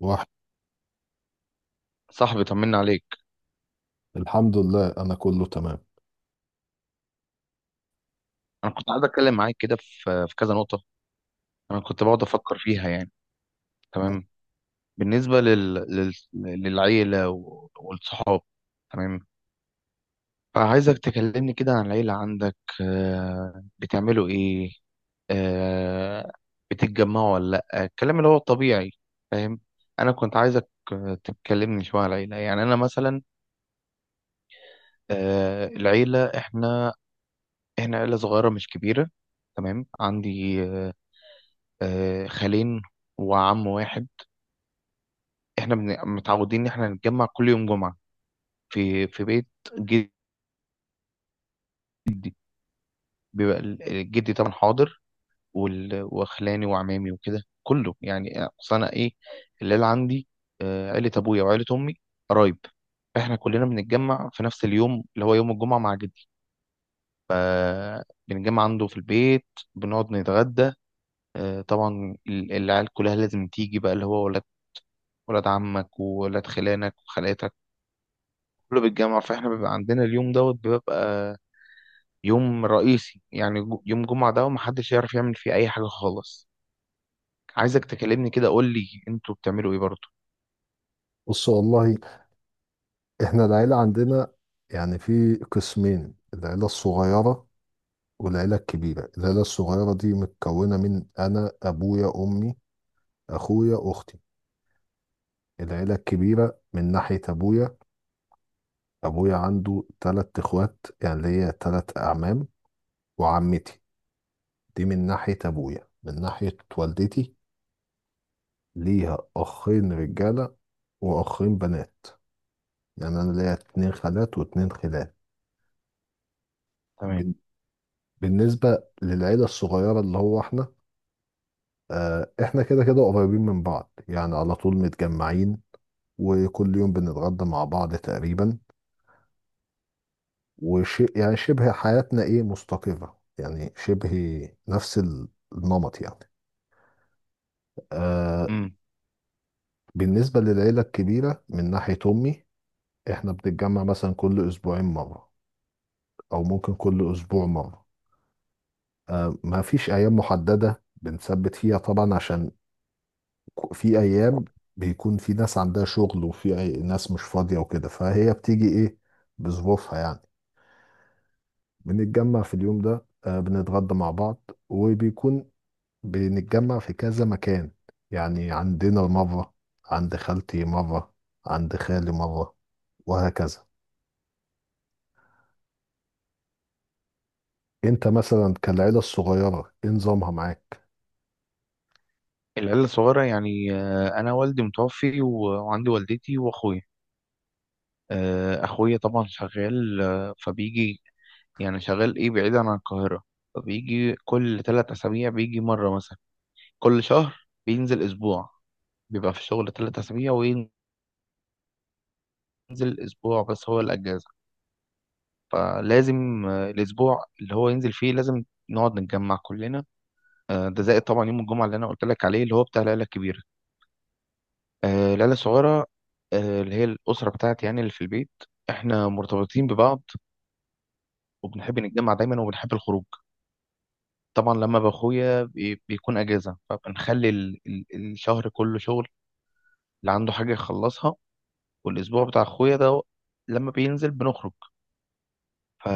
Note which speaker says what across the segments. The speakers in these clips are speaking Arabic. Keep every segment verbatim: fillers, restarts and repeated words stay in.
Speaker 1: واحد.
Speaker 2: صاحبي، طمنا عليك.
Speaker 1: الحمد لله، انا كله تمام.
Speaker 2: انا كنت قاعد اتكلم معاك كده في في كذا نقطه، انا كنت بقعد افكر فيها يعني. تمام. بالنسبه لل... لل... للعيله و- والصحاب. تمام. فعايزك تكلمني كده عن العيله عندك، آه، بتعملوا ايه؟ آه، بتتجمعوا ولا لا، الكلام اللي هو الطبيعي. فاهم. انا كنت عايزك آه، تتكلمني شويه عن العيله، يعني انا مثلا آه، العيله، احنا احنا عيله صغيره مش كبيره. تمام، عندي آه، آه، خالين وعم واحد. احنا بن- متعودين ان احنا نتجمع كل يوم جمعة في في بيت جدي. بيبقى ال- جدي طبعا حاضر، وال- وخلاني وعمامي وكده كله، يعني اصل انا ايه الليل عندي آه، عيلة ابويا وعيلة امي قرايب. احنا كلنا بنتجمع في نفس اليوم اللي هو يوم الجمعة مع جدي، فبنتجمع عنده في البيت، بنقعد نتغدى. آه، طبعا ال- العيال كلها لازم تيجي بقى اللي هو ولاد ولاد عمك وولاد خلانك وخالاتك كله بالجامعة. فاحنا بيبقى عندنا اليوم دوت، بيبقى يوم رئيسي، يعني جو- يوم جمعة ده ومحدش يعرف يعمل فيه أي حاجة خالص. عايزك تكلمني كده، قول لي انتوا بتعملوا ايه برضه؟
Speaker 1: بص والله، احنا العيله عندنا يعني في قسمين: العيله الصغيره والعيله الكبيره. العيله الصغيره دي متكونه من انا، ابويا، امي، اخويا، اختي. العيله الكبيره من ناحيه ابويا، ابويا عنده تلات اخوات، يعني ليا تلات اعمام وعمتي. دي من ناحيه ابويا. من ناحيه والدتي، ليها اخين رجاله واخين بنات، يعني انا ليا اتنين خالات واتنين خلان.
Speaker 2: تمام.
Speaker 1: بالنسبة للعيلة الصغيرة اللي هو احنا، آه، احنا كده كده قريبين من بعض، يعني على طول متجمعين وكل يوم بنتغدى مع بعض تقريبا. وشيء يعني شبه، حياتنا ايه مستقرة، يعني شبه نفس ال- النمط يعني. آه،
Speaker 2: امم.
Speaker 1: بالنسبة للعيلة الكبيرة من ناحية أمي، احنا بنتجمع مثلا كل أسبوعين مرة أو ممكن كل أسبوع مرة. آه، ما فيش أيام محددة بنثبت فيها طبعا، عشان في ايام بيكون في ناس عندها شغل وفي أي ناس مش فاضيه وكده، فهي بتيجي ايه، بظروفها يعني. بنتجمع في اليوم ده، آه، بنتغدى مع بعض وبيكون بنتجمع في كذا مكان. يعني عندنا مره، عند خالتي مره، عند خالي مره، وهكذا. انت مثلا كالعيله الصغيره ايه نظامها معاك؟
Speaker 2: العيلة الصغيرة يعني آه، أنا والدي متوفي و- وعندي والدتي وأخويا. آه، أخويا طبعا شغال، آه، فبيجي، يعني شغال إيه بعيد عن القاهرة، فبيجي كل ثلاث أسابيع بيجي مرة مثلا. كل شهر بينزل أسبوع، بيبقى في الشغل ثلاث أسابيع وينزل أسبوع بس هو الأجازة. فلازم آه، الأسبوع اللي هو ينزل فيه لازم نقعد نتجمع كلنا. آه، ده زائد طبعا يوم الجمعة اللي أنا قلت لك عليه اللي هو بتاع العيلة الكبيرة. آه، العيلة الصغيرة، آه، اللي هي الأسرة بتاعتي يعني اللي في البيت، إحنا مرتبطين ببعض وبنحب نتجمع دايما وبنحب الخروج. طبعا لما بأخويا بي- بيكون أجازة، فبنخلي ال- ال- الشهر كله شغل اللي عنده حاجة يخلصها، والأسبوع بتاع أخويا ده لما بينزل بنخرج. ف،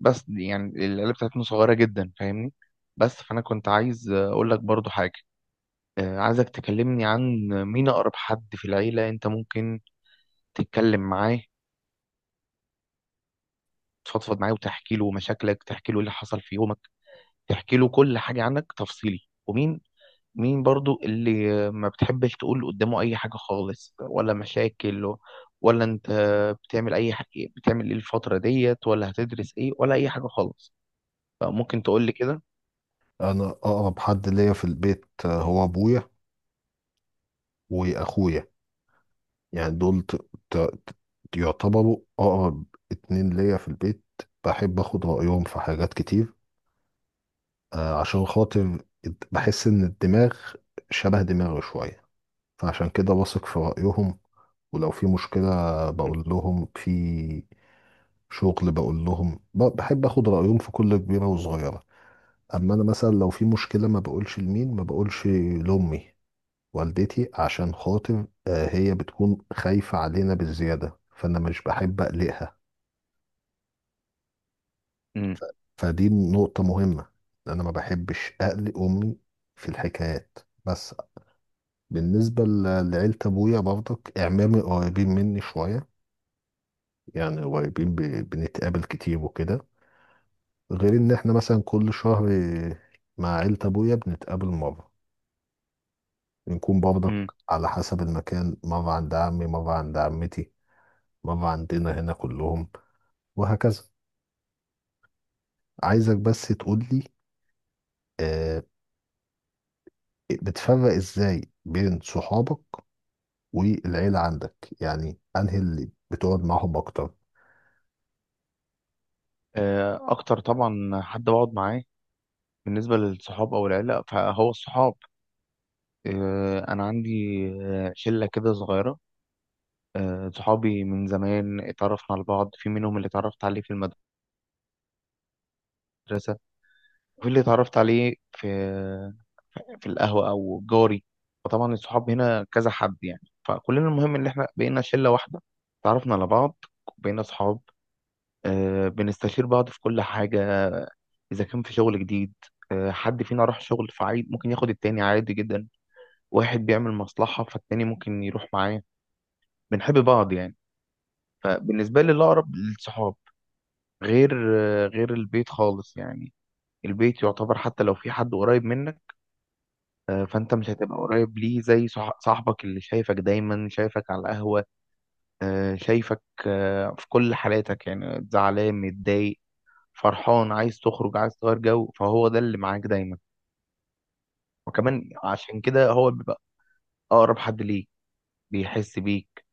Speaker 2: بس دي يعني العيله بتاعتنا صغيره جدا، فاهمني؟ بس فانا كنت عايز اقول لك برضو حاجه، آه، عايزك تكلمني عن مين اقرب حد في العيله انت ممكن تتكلم معاه، تفضفض معاه وتحكي له مشاكلك، تحكي له إيه اللي حصل في يومك، تحكي له كل حاجه عنك تفصيلي. ومين مين برضو اللي آه، ما بتحبش تقول قدامه اي حاجه خالص ولا مشاكل، ولا انت بتعمل اي حاجه، بتعمل ايه الفتره ديت، ولا هتدرس ايه، ولا اي حاجه خالص؟ فممكن تقول لي كده.
Speaker 1: انا اقرب حد ليا في البيت آه، هو ابويا واخويا. يعني دول ت... ت... ت- يعتبروا أقرب اتنين ليا في البيت. بحب أخد رأيهم في حاجات كتير، آه، عشان خاطر بحس إن الدماغ شبه دماغي شوية، فعشان كده بثق في رأيهم. ولو في مشكلة بقول لهم، في شغل بقول لهم، ب- بحب أخد رأيهم في كل كبيرة وصغيرة. أما أنا مثلا لو في مشكلة ما بقولش لمين، ما بقولش لأمي، والدتي، عشان خاطر آه، هي بتكون خايفة علينا بالزيادة، فأنا مش بحب أقلقها.
Speaker 2: مم.
Speaker 1: فدي نقطة مهمة، أنا ما بحبش أقلق أمي في الحكايات، بس. بالنسبة ل- لعيلة أبويا برضك، أعمامي قريبين مني شوية، يعني قريبين، ب- بنتقابل كتير وكده، غير إن إحنا مثلا كل شهر مع عيلة أبويا بنتقابل مرة، بنكون
Speaker 2: مم.
Speaker 1: برضك على حسب المكان، مرة عند عمي، مرة عند عمتي، مرة عندنا هنا كلهم، وهكذا. عايزك بس تقولي، آه، بتفرق إزاي بين صحابك والعيلة عندك؟ يعني انهي اللي بتقعد معاهم اكتر؟
Speaker 2: آه، اكتر طبعا حد بقعد معاه بالنسبه للصحاب او العيله فهو الصحاب. آه، انا عندي آه، شله كده صغيره، آه، صحابي من زمان اتعرفنا على بعض. في منهم اللي اتعرفت عليه في المدرسه، وفي اللي اتعرفت عليه في في القهوه او جاري. وطبعا الصحاب هنا كذا حد يعني، فكلنا المهم ان احنا بقينا شله واحده، اتعرفنا على بعض بقينا صحاب. آه، بنستشير بعض في كل حاجة، إذا كان في شغل جديد آه، حد فينا راح شغل فعيد ممكن ياخد التاني عادي جدا، واحد بيعمل مصلحة فالتاني ممكن يروح معاه، بنحب بعض يعني. فبالنسبة لي الأقرب للصحاب، غير آه، غير البيت خالص يعني. البيت يعتبر حتى لو في حد قريب منك، آه، فأنت مش هتبقى قريب ليه زي صح- صاحبك اللي شايفك دايما، شايفك على القهوة، آه، شايفك آه، في كل حالاتك يعني زعلان متضايق فرحان عايز تخرج عايز تغير جو، فهو ده اللي معاك دايما. وكمان عشان كده هو بيبقى اقرب حد ليك، بيحس بيك،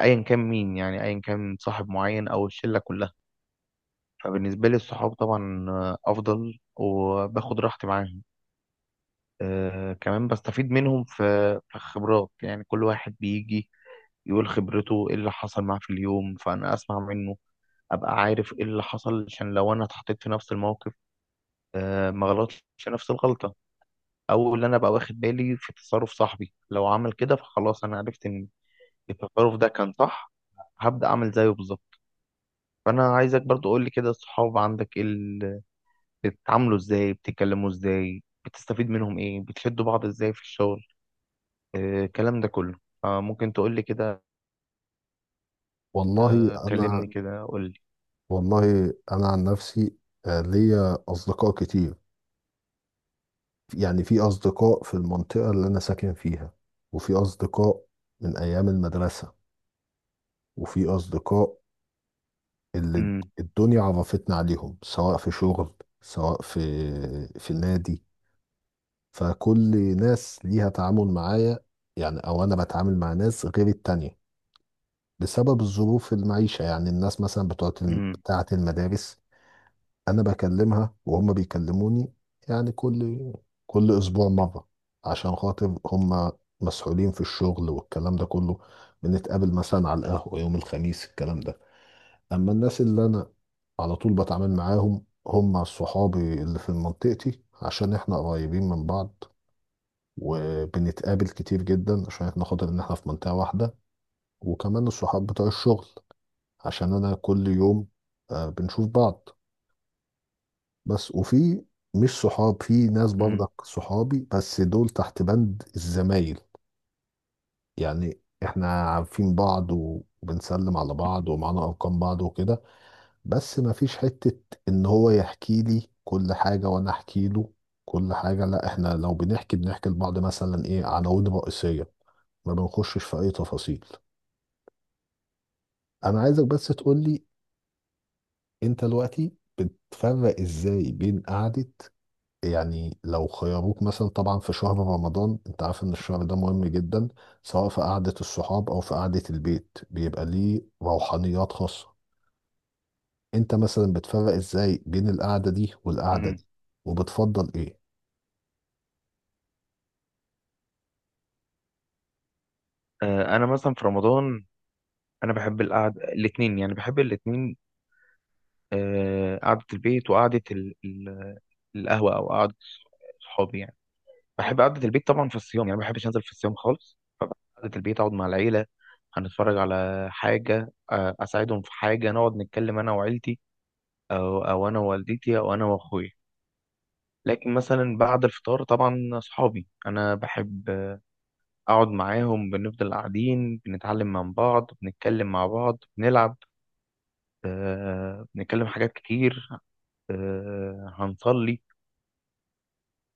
Speaker 2: ايا كان مين يعني، ايا كان صاحب معين او الشله كلها. فبالنسبه لي الصحاب طبعا آه، افضل وباخد راحتي معاهم. أه، كمان بستفيد منهم في في الخبرات، يعني كل واحد بيجي يقول خبرته ايه اللي حصل معاه في اليوم، فانا اسمع منه ابقى عارف ايه اللي حصل، عشان لو انا اتحطيت في نفس الموقف أه ما غلطش نفس الغلطه. او اللي انا بقى واخد بالي في تصرف صاحبي لو عمل كده فخلاص انا عرفت ان التصرف ده كان صح، هبدأ اعمل زيه بالظبط. فانا عايزك برضو قول لي كده الصحاب عندك ايه ال- بتتعاملوا ازاي، بتتكلموا ازاي، بتستفيد منهم ايه، بتشدوا بعض ازاي في الشغل، آه، الكلام ده كله. فممكن تقول لي كده،
Speaker 1: والله
Speaker 2: آه،
Speaker 1: انا
Speaker 2: كلمني كده قول لي.
Speaker 1: والله انا عن نفسي آه، ليا اصدقاء كتير. يعني في اصدقاء في المنطقة اللي انا ساكن فيها، وفي اصدقاء من ايام المدرسة، وفي اصدقاء اللي
Speaker 2: امم.
Speaker 1: الدنيا عرفتنا عليهم، سواء في شغل، سواء في في نادي. فكل ناس ليها تعامل معايا يعني، او انا بتعامل مع ناس غير التانية بسبب الظروف المعيشة. يعني الناس مثلا بتوع الم-
Speaker 2: امم.
Speaker 1: بتاعة المدارس، أنا بكلمها وهم بيكلموني، يعني كل كل أسبوع مرة، عشان خاطر هم مسحولين في الشغل والكلام ده كله. بنتقابل مثلا على القهوة يوم الخميس، الكلام ده. أما الناس اللي أنا على طول بتعامل معاهم هم صحابي اللي في منطقتي، عشان إحنا قريبين من بعض وبنتقابل كتير جدا، عشان إحنا خاطر إن إحنا في منطقة واحدة. وكمان الصحاب بتوع الشغل، عشان انا كل يوم آه، بنشوف بعض. بس وفي مش صحاب، في ناس
Speaker 2: امم.
Speaker 1: برضك صحابي بس دول تحت بند الزمايل. يعني احنا عارفين بعض وبنسلم على بعض ومعانا ارقام بعض وكده، بس ما فيش حتة ان هو يحكي لي كل حاجة وانا احكي له كل حاجة. لا، احنا لو بنحكي بنحكي لبعض مثلا ايه، عناوين رئيسية، ما بنخشش في اي تفاصيل. انا عايزك بس تقولي، انت دلوقتي بتفرق ازاي بين قعدة، يعني لو خيروك مثلا، طبعا في شهر رمضان انت عارف ان الشهر ده مهم جدا سواء في قعدة الصحاب او في قعدة البيت، بيبقى ليه روحانيات خاصة، انت مثلا بتفرق ازاي بين القعدة دي والقعدة
Speaker 2: امم.
Speaker 1: دي وبتفضل ايه؟
Speaker 2: آه، انا مثلا في رمضان انا بحب القعده الاثنين، يعني بحب الاثنين، آه، قعدة البيت وقعدة ال- ال- القهوة أو قعدة صحابي يعني. بحب قعدة البيت طبعا في الصيام، يعني ما بحبش أنزل في الصيام خالص. قعدة البيت أقعد مع العيلة، هنتفرج على حاجة، آه، أساعدهم في حاجة، نقعد نتكلم أنا وعيلتي، أو أو أنا ووالدتي أو أنا وأخويا. لكن مثلا بعد الفطار طبعا صحابي أنا بحب أقعد معاهم، بنفضل قاعدين بنتعلم من بعض بنتكلم مع بعض بنلعب، آه، بنتكلم حاجات كتير، آه، هنصلي.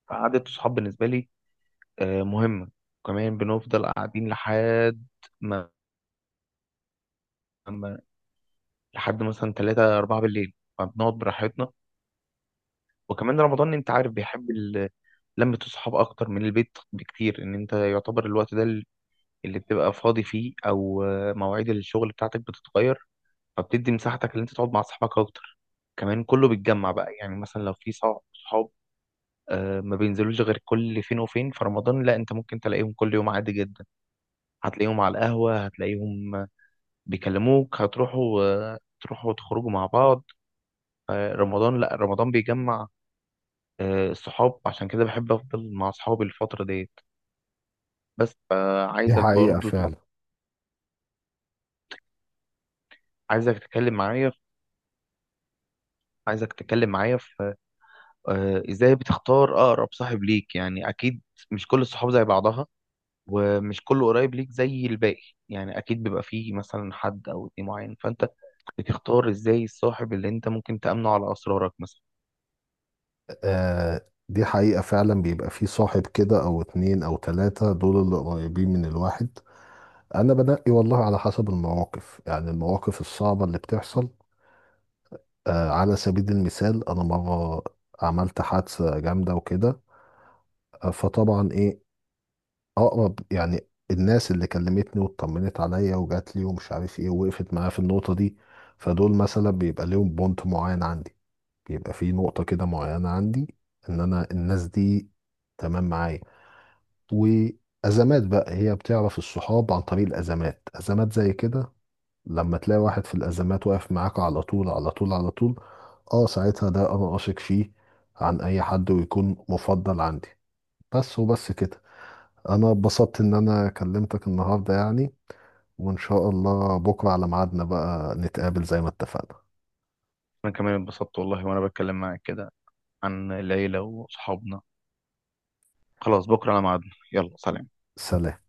Speaker 2: فقعدة الصحاب بالنسبة لي آه، مهمة، وكمان بنفضل قاعدين لحد ما ما- لحد مثلا تلاتة أربعة بالليل فبنقعد براحتنا. وكمان رمضان أنت عارف بيحب ال- لمة الصحاب أكتر من البيت بكتير، إن أنت يعتبر الوقت ده اللي بتبقى فاضي فيه، أو آه، مواعيد الشغل بتاعتك بتتغير، فبتدي مساحتك اللي أنت تقعد مع أصحابك أكتر. كمان كله بيتجمع بقى، يعني مثلا لو في صع- صحاب آه، ما بينزلوش غير كل فين وفين، في رمضان لا أنت ممكن تلاقيهم كل يوم عادي جدا. هتلاقيهم على القهوة، هتلاقيهم بيكلموك، هتروحوا آه، تروحوا تخرجوا مع بعض. آه، رمضان، لا رمضان بيجمع آه، الصحاب، عشان كده بحب أفضل مع صحابي الفترة ديت. بس
Speaker 1: دي
Speaker 2: فعايزك
Speaker 1: حقيقة
Speaker 2: برضو،
Speaker 1: فعلا.
Speaker 2: عايزك تتكلم معايا، عايزك تتكلم معايا في آه، ازاي بتختار أقرب صاحب ليك، يعني أكيد مش كل الصحاب زي بعضها ومش كله قريب ليك زي الباقي، يعني أكيد بيبقى فيه مثلا حد أو اتنين معين، فأنت بتختار ازاي الصاحب اللي انت ممكن تأمنه على أسرارك مثلا؟
Speaker 1: آه، دي حقيقة فعلا. بيبقى في صاحب كده او اتنين او تلاتة، دول اللي قريبين من الواحد. انا بنقي والله على حسب المواقف، يعني المواقف الصعبة اللي بتحصل. آه، على سبيل المثال انا مره عملت حادثه جامده وكده، آه، فطبعا ايه، اقرب يعني الناس اللي كلمتني واطمنت عليا وجات لي ومش عارف ايه ووقفت معايا في النقطه دي، فدول مثلا بيبقى ليهم بونت معين عندي، بيبقى في نقطه كده معينه عندي ان انا الناس دي تمام معايا. وازمات بقى هي بتعرف الصحاب عن طريق الازمات، ازمات زي كده، لما تلاقي واحد في الأزمات واقف معاك على طول على طول على طول، اه ساعتها ده أنا أثق فيه عن أي حد ويكون مفضل عندي. بس وبس كده. أنا اتبسطت إن أنا كلمتك النهاردة يعني، وإن شاء الله بكرة على ميعادنا بقى نتقابل زي ما اتفقنا.
Speaker 2: انا كمان اتبسطت والله وانا بتكلم معاك كده عن العيلة واصحابنا. خلاص، بكرة على ميعادنا، يلا سلام.
Speaker 1: سلام.